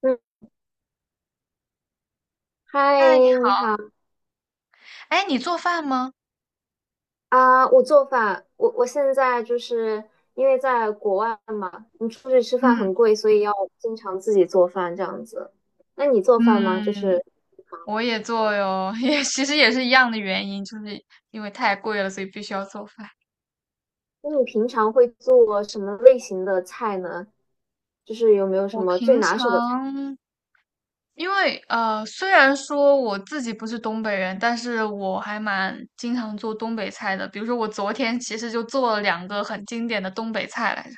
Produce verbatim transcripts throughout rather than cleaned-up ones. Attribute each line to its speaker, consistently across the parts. Speaker 1: 嗯，嗨，
Speaker 2: 嗨，你
Speaker 1: 你
Speaker 2: 好。
Speaker 1: 好
Speaker 2: 哎，你做饭吗？
Speaker 1: 啊！我做饭，我我现在就是因为在国外嘛，你出去吃饭
Speaker 2: 嗯
Speaker 1: 很贵，所以要经常自己做饭这样子。那你做饭吗？
Speaker 2: 嗯，
Speaker 1: 就是忙
Speaker 2: 我
Speaker 1: 的时
Speaker 2: 也做
Speaker 1: 候，
Speaker 2: 哟，也其实也是一样的原因，就是因为太贵了，所以必须要做饭。
Speaker 1: 那你平常会做什么类型的菜呢？就是有没有什
Speaker 2: 我
Speaker 1: 么最
Speaker 2: 平
Speaker 1: 拿手的菜
Speaker 2: 常因为呃，虽然说我自己不是东北人，但是我还蛮经常做东北菜的。比如说，我昨天其实就做了两个很经典的东北菜来着，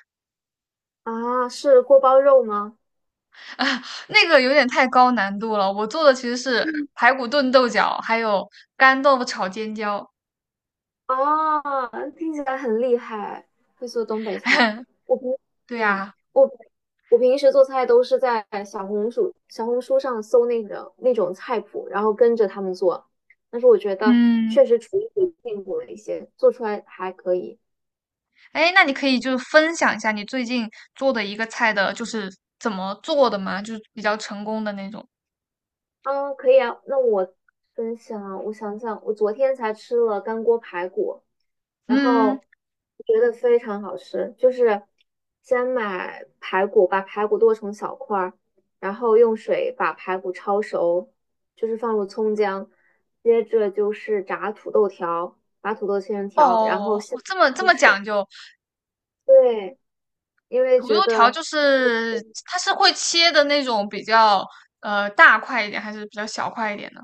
Speaker 1: 啊？是锅包肉吗？
Speaker 2: 啊，那个有点太高难度了。我做的其实是排骨炖豆角，还有干豆腐炒尖椒。
Speaker 1: 哦，听起来很厉害，会做东北菜。我平，
Speaker 2: 对
Speaker 1: 嗯，
Speaker 2: 呀，
Speaker 1: 我我平时做菜都是在小红书小红书上搜那个那种菜谱，然后跟着他们做。但是我觉得
Speaker 2: 嗯。
Speaker 1: 确实厨艺进步了一些，做出来还可以。
Speaker 2: 哎，那你可以就是分享一下你最近做的一个菜的，就是怎么做的吗？就是比较成功的那种。
Speaker 1: 嗯，可以啊。那我分享啊，我想想，我昨天才吃了干锅排骨，然
Speaker 2: 嗯，
Speaker 1: 后我觉得非常好吃。就是先买排骨，把排骨剁成小块儿，然后用水把排骨焯熟，就是放入葱姜，接着就是炸土豆条，把土豆切成条，然后
Speaker 2: 哦，
Speaker 1: 下
Speaker 2: 这么这
Speaker 1: 入
Speaker 2: 么讲
Speaker 1: 水。
Speaker 2: 究，
Speaker 1: 对，因为
Speaker 2: 土豆
Speaker 1: 觉
Speaker 2: 条
Speaker 1: 得
Speaker 2: 就是它是会切的那种比较呃大块一点，还是比较小块一点的？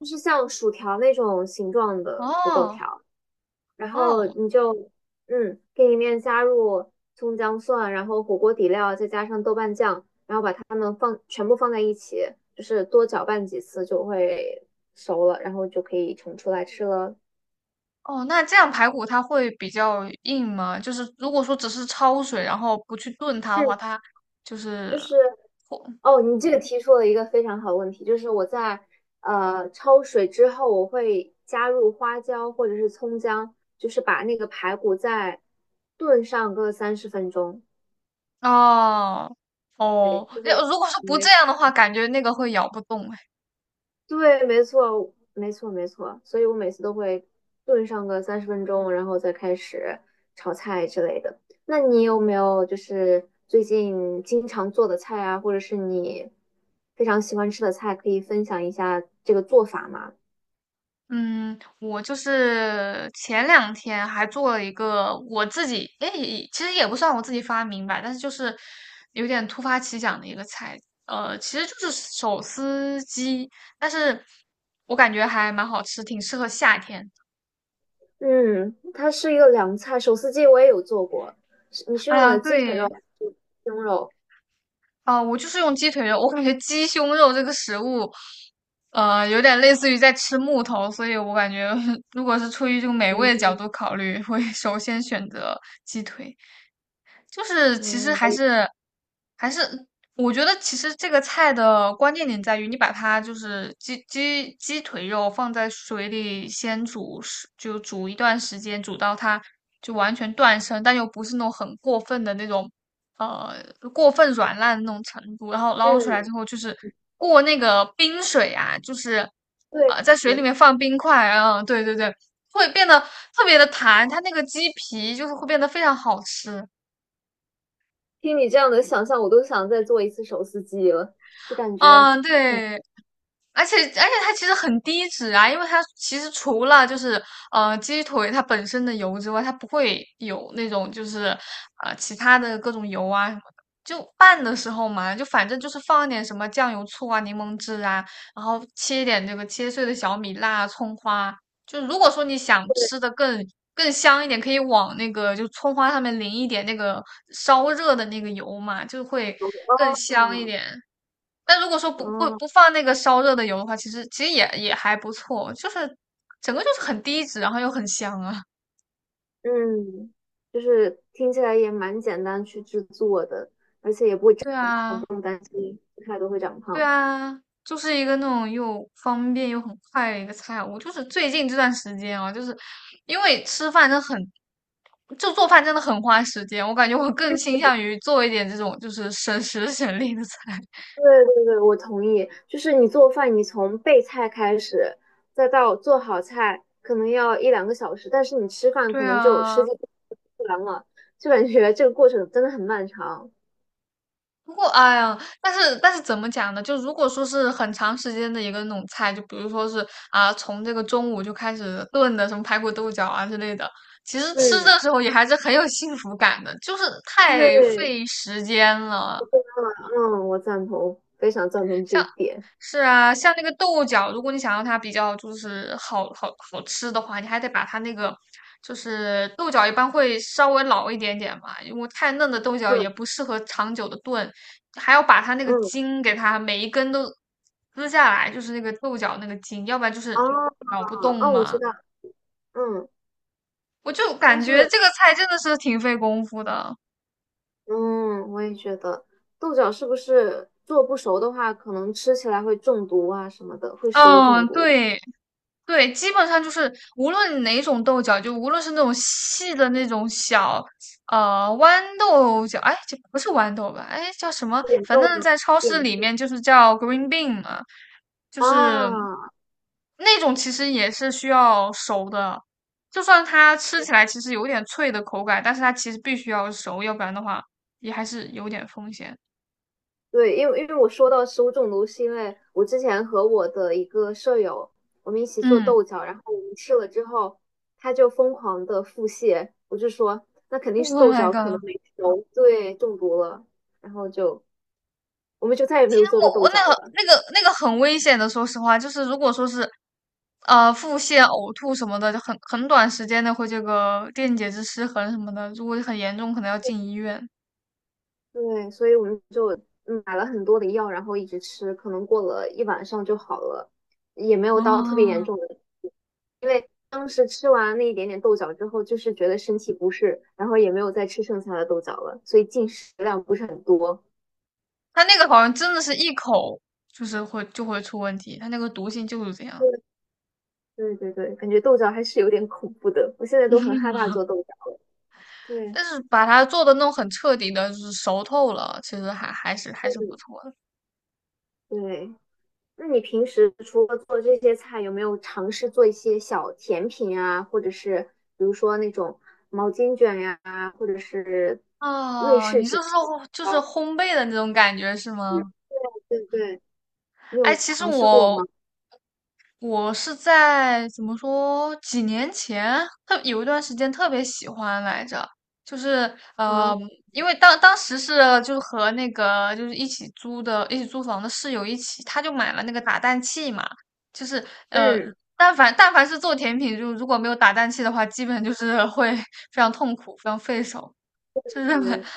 Speaker 1: 就是像薯条那种形状的土豆
Speaker 2: 哦
Speaker 1: 条。然后
Speaker 2: 哦
Speaker 1: 你就嗯，给里面加入葱姜蒜，然后火锅底料，再加上豆瓣酱，然后把它们放全部放在一起，就是多搅拌几次就会熟了，然后就可以盛出来吃了。
Speaker 2: 哦，那这样排骨它会比较硬吗？就是如果说只是焯水，然后不去炖它的
Speaker 1: 嗯，
Speaker 2: 话，它就是
Speaker 1: 就是哦，你这个提出了一个非常好的问题，就是我在呃焯水之后，我会加入花椒或者是葱姜，就是把那个排骨再炖上个三十分钟，
Speaker 2: 哦。
Speaker 1: 对，
Speaker 2: 哦，
Speaker 1: 就会。
Speaker 2: 那如果说不这样的话，感觉那个会咬不动哎。
Speaker 1: 对，没错，没错，没错。所以我每次都会炖上个三十分钟，然后再开始炒菜之类的。那你有没有就是最近经常做的菜啊，或者是你非常喜欢吃的菜，可以分享一下这个做法吗？
Speaker 2: 嗯，我就是前两天还做了一个我自己，哎，其实也不算我自己发明吧，但是就是有点突发奇想的一个菜，呃，其实就是手撕鸡，但是我感觉还蛮好吃，挺适合夏天。
Speaker 1: 嗯，它是一个凉菜，手撕鸡我也有做过。是你是
Speaker 2: 哎
Speaker 1: 用
Speaker 2: 呀，
Speaker 1: 的鸡腿肉
Speaker 2: 对，
Speaker 1: 还是胸肉？
Speaker 2: 啊，我就是用鸡腿肉，我感觉鸡胸肉这个食物，呃，有点类似于在吃木头，所以我感觉 如果是出于这个美味
Speaker 1: 嗯
Speaker 2: 的角度考虑，会首先选择鸡腿。就是其实
Speaker 1: 嗯，
Speaker 2: 还
Speaker 1: 我
Speaker 2: 是还是，我觉得其实这个菜的关键点在于，你把它就是鸡鸡鸡腿肉放在水里先煮十，就煮一段时间，煮到它就完全断生，但又不是那种很过分的那种，呃，过分软烂的那种程度。然后捞出来
Speaker 1: 是
Speaker 2: 之后，就是过那个冰水啊，就是
Speaker 1: 对，
Speaker 2: 呃，在水里面放冰块，嗯，对对对，会变得特别的弹，它那个鸡皮就是会变得非常好吃。
Speaker 1: 听你这样的想象，我都想再做一次手撕鸡了，就感觉。
Speaker 2: 嗯，
Speaker 1: 嗯。
Speaker 2: 对，而且而且它其实很低脂啊，因为它其实除了就是呃鸡腿它本身的油之外，它不会有那种就是呃其他的各种油啊什么的。就拌的时候嘛，就反正就是放一点什么酱油、醋啊、柠檬汁啊，然后切一点这个切碎的小米辣啊、葱花。就如果说你想吃的更更香一点，可以往那个就葱花上面淋一点那个烧热的那个油嘛，就会更香一
Speaker 1: 哦，
Speaker 2: 点。但如果说不不
Speaker 1: 嗯
Speaker 2: 不放那个烧热的油的话，其实其实也也还不错，就是整个就是很低脂，然后又很香啊。
Speaker 1: 嗯，就是听起来也蛮简单去制作的，
Speaker 2: 对
Speaker 1: 不
Speaker 2: 啊，
Speaker 1: 用担心吃太多会长
Speaker 2: 对
Speaker 1: 胖。
Speaker 2: 啊，就是一个那种又方便又很快的一个菜。我就是最近这段时间啊，就是因为吃饭真的很，就做饭真的很花时间。我感觉我更倾向于做一点这种就是省时省力的菜。
Speaker 1: 对对对，我同意。就是你做饭，你从备菜开始，再到做好菜，可能要一两个小时，但是你吃饭
Speaker 2: 对
Speaker 1: 可能就十
Speaker 2: 啊，
Speaker 1: 几分钟就完了，就感觉这个过程真的很漫长。
Speaker 2: 不过，哎呀，但是但是怎么讲呢？就如果说是很长时间的一个那种菜，就比如说是啊，从这个中午就开始炖的，什么排骨豆角啊之类的，其实吃
Speaker 1: 嗯，
Speaker 2: 的时候也还是很有幸福感的，就是太
Speaker 1: 对，
Speaker 2: 费时间了。
Speaker 1: 嗯，我赞同，非常赞同这
Speaker 2: 像。
Speaker 1: 一点。
Speaker 2: 是啊，像那个豆角，如果你想要它比较就是好好好吃的话，你还得把它那个就是豆角一般会稍微老一点点嘛，因为太嫩的豆角
Speaker 1: 嗯
Speaker 2: 也不适合长久的炖，还要把它那个
Speaker 1: 嗯，
Speaker 2: 筋给它每一根都撕下来，就是那个豆角那个筋，要不然就
Speaker 1: 啊
Speaker 2: 是
Speaker 1: 哦，
Speaker 2: 咬不动
Speaker 1: 嗯我
Speaker 2: 嘛。
Speaker 1: 知道，嗯。
Speaker 2: 我就
Speaker 1: 但
Speaker 2: 感觉
Speaker 1: 是
Speaker 2: 这个菜真的是挺费功夫的。
Speaker 1: 嗯，我也觉得豆角是不是做不熟的话，可能吃起来会中毒啊什么的，会食物中
Speaker 2: 嗯，
Speaker 1: 毒。
Speaker 2: 对。对，基本上就是无论哪种豆角，就无论是那种细的那种小，呃，豌豆角，哎，这不是豌豆吧？哎，叫什么？
Speaker 1: 严
Speaker 2: 反
Speaker 1: 重
Speaker 2: 正
Speaker 1: 吗？
Speaker 2: 在超
Speaker 1: 严
Speaker 2: 市里
Speaker 1: 重
Speaker 2: 面就是叫 green bean 嘛，就是
Speaker 1: 啊，
Speaker 2: 那种其实也是需要熟的，就算它吃起来其实有点脆的口感，但是它其实必须要熟，要不然的话也还是有点风险。
Speaker 1: 对，因为因为我说到食物中毒，是因为我之前和我的一个舍友，我们一起做
Speaker 2: 嗯
Speaker 1: 豆角，然后我们吃了之后，他就疯狂的腹泻，我就说那肯定是
Speaker 2: ，Oh
Speaker 1: 豆
Speaker 2: my
Speaker 1: 角可
Speaker 2: god!
Speaker 1: 能没 熟，对，中毒了，然后就我们就再也没有做过
Speaker 2: 我
Speaker 1: 豆
Speaker 2: 我那
Speaker 1: 角
Speaker 2: 个
Speaker 1: 了。
Speaker 2: 那个那个很危险的，说实话，就是如果说是，呃，腹泻、呕吐什么的，就很很短时间内会这个电解质失衡什么的，如果很严重，可能要进医院。
Speaker 1: 对，所以我们就嗯买了很多的药，然后一直吃，可能过了一晚上就好了，也没有到特别严
Speaker 2: 啊，
Speaker 1: 重的。因为当时吃完那一点点豆角之后，就是觉得身体不适，然后也没有再吃剩下的豆角了，所以进食量不是很多。
Speaker 2: 他那个好像真的是一口就是会就会出问题，他那个毒性就是这样。
Speaker 1: 对对对，感觉豆角还是有点恐怖的，我现在都很害怕 做豆角了。对，
Speaker 2: 但是把它做的弄很彻底的，就是熟透了，其实还还是还是不
Speaker 1: 嗯，
Speaker 2: 错的。
Speaker 1: 对。那你平时除了做这些菜，有没有尝试做一些小甜品啊，或者是比如说那种毛巾卷呀、或者是瑞
Speaker 2: 啊，
Speaker 1: 士
Speaker 2: 你是
Speaker 1: 卷
Speaker 2: 说就是
Speaker 1: 糕？
Speaker 2: 烘焙的那种感觉是吗？
Speaker 1: 对对对，你
Speaker 2: 哎，
Speaker 1: 有
Speaker 2: 其实
Speaker 1: 尝试过吗？
Speaker 2: 我我是在怎么说几年前，特有一段时间特别喜欢来着，就是
Speaker 1: 啊，
Speaker 2: 呃，因为当当时是就是和那个就是一起租的一起租房的室友一起，他就买了那个打蛋器嘛，就是呃，
Speaker 1: 嗯，
Speaker 2: 但凡但凡是做甜品，就如果没有打蛋器的话，基本就是会 非常痛苦，非常费手，就是
Speaker 1: 对，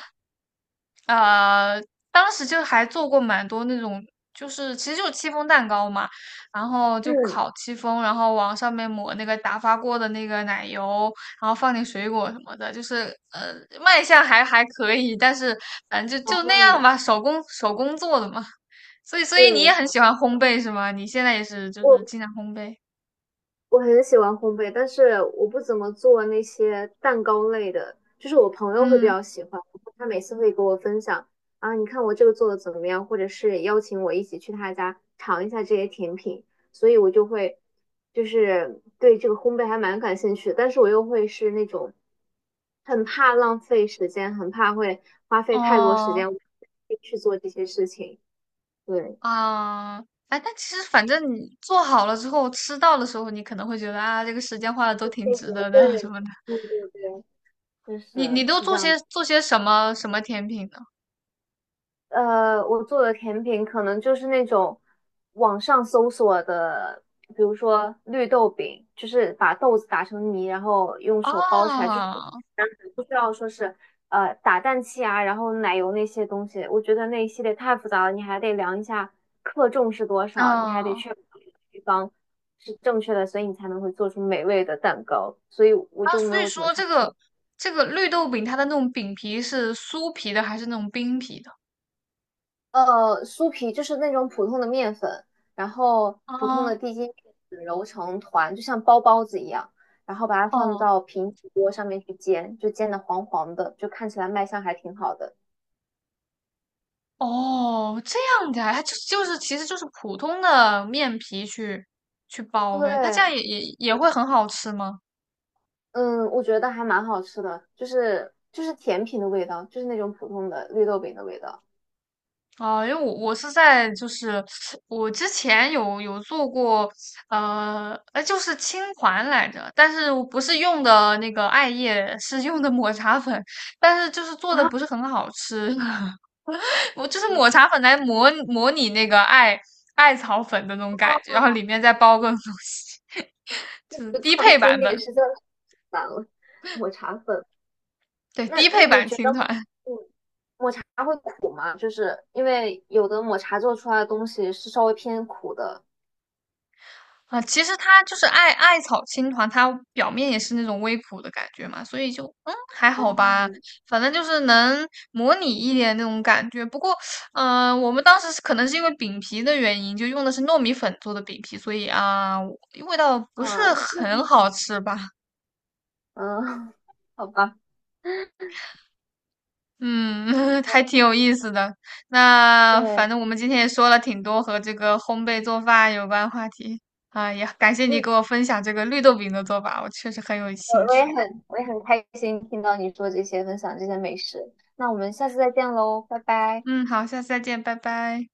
Speaker 2: 呃，当时就还做过蛮多那种，就是其实就是戚风蛋糕嘛，然后就
Speaker 1: 嗯
Speaker 2: 烤戚风，然后往上面抹那个打发过的那个奶油，然后放点水果什么的，就是呃卖相还还可以，但是反正就就那样
Speaker 1: 嗯，
Speaker 2: 吧，手工手工做的嘛。所以所以你也
Speaker 1: 对，
Speaker 2: 很喜欢烘焙是吗？你现在也是就是
Speaker 1: 我
Speaker 2: 经常烘焙，
Speaker 1: 我很喜欢烘焙，但是我不怎么做那些蛋糕类的，就是我朋友会比
Speaker 2: 嗯，
Speaker 1: 较喜欢，他每次会给我分享啊，你看我这个做的怎么样，或者是邀请我一起去他家尝一下这些甜品，所以我就会就是对这个烘焙还蛮感兴趣的，但是我又会是那种很怕浪费时间，很怕会花费太多时
Speaker 2: 哦。
Speaker 1: 间去做这些事情，对，
Speaker 2: 啊，哎，但其实反正你做好了之后，吃到的时候，你可能会觉得啊，这个时间花的都挺
Speaker 1: 这个
Speaker 2: 值
Speaker 1: 我
Speaker 2: 得的
Speaker 1: 个
Speaker 2: 什
Speaker 1: 人，
Speaker 2: 么的。
Speaker 1: 对对对，确
Speaker 2: 你你
Speaker 1: 实
Speaker 2: 都
Speaker 1: 是这
Speaker 2: 做
Speaker 1: 样
Speaker 2: 些
Speaker 1: 子。
Speaker 2: 做些什么什么甜品呢？
Speaker 1: 呃，我做的甜品可能就是那种网上搜索的，比如说绿豆饼，就是把豆子打成泥，然后用手包起来，就是
Speaker 2: 啊
Speaker 1: 不需要说是呃打蛋器啊，然后奶油那些东西。我觉得那一系列太复杂了，你还得量一下克重是多少，你还得
Speaker 2: 啊
Speaker 1: 确保配方是正确的，所以你才能会做出美味的蛋糕。所以我
Speaker 2: 啊！
Speaker 1: 就没
Speaker 2: 所以
Speaker 1: 有怎么
Speaker 2: 说
Speaker 1: 尝。
Speaker 2: 这个这个绿豆饼，它的那种饼皮是酥皮的还是那种冰皮的？
Speaker 1: 呃，酥皮就是那种普通的面粉，然后普通的
Speaker 2: 啊
Speaker 1: 低筋面粉揉成团，就像包包子一样，然后把它放
Speaker 2: 哦
Speaker 1: 到平底锅上面去煎，就煎的黄黄的，就看起来卖相还挺好的。
Speaker 2: 哦，这样的啊，它就就是其实就是普通的面皮去去包呗，它这样
Speaker 1: 对，
Speaker 2: 也也也会很好吃吗？
Speaker 1: 嗯，我觉得还蛮好吃的，就是就是甜品的味道，就是那种普通的绿豆饼的味道。
Speaker 2: 哦，因为我我是在就是我之前有有做过，呃，呃，就是青团来着，但是我不是用的那个艾叶，是用的抹茶粉，但是就是做的
Speaker 1: 啊，
Speaker 2: 不是很好吃，我就是抹 茶粉来模模拟那个艾艾草粉的那种感觉，然后里面再包个东西，就是
Speaker 1: 就
Speaker 2: 低配
Speaker 1: 创新
Speaker 2: 版
Speaker 1: 点
Speaker 2: 本，
Speaker 1: 实在是太难了，抹茶粉。
Speaker 2: 对，
Speaker 1: 那
Speaker 2: 低
Speaker 1: 那
Speaker 2: 配
Speaker 1: 你
Speaker 2: 版
Speaker 1: 觉
Speaker 2: 青
Speaker 1: 得抹
Speaker 2: 团。
Speaker 1: 嗯抹茶会苦吗？就是因为有的抹茶做出来的东西是稍微偏苦的。
Speaker 2: 啊，其实它就是艾艾草青团，它表面也是那种微苦的感觉嘛，所以就嗯还
Speaker 1: 哦，
Speaker 2: 好吧，
Speaker 1: 嗯
Speaker 2: 反正就是能模拟一点那种感觉。不过，嗯、我们当时是可能是因为饼皮的原因，就用的是糯米粉做的饼皮，所以啊，我味道不是
Speaker 1: 啊，那
Speaker 2: 很
Speaker 1: 那
Speaker 2: 好吃吧。
Speaker 1: 嗯，好吧，
Speaker 2: 嗯，还挺有意思的。那反
Speaker 1: 对，
Speaker 2: 正我们今天也说了挺多和这个烘焙做饭有关话题啊，也感谢你
Speaker 1: 嗯，
Speaker 2: 给我分享这个绿豆饼的做法，我确实很有
Speaker 1: 我
Speaker 2: 兴
Speaker 1: 我
Speaker 2: 趣。
Speaker 1: 也很我也很开心听到你说这些，分享这些美食。那我们下次再见喽，拜拜。
Speaker 2: 嗯，好，下次再见，拜拜。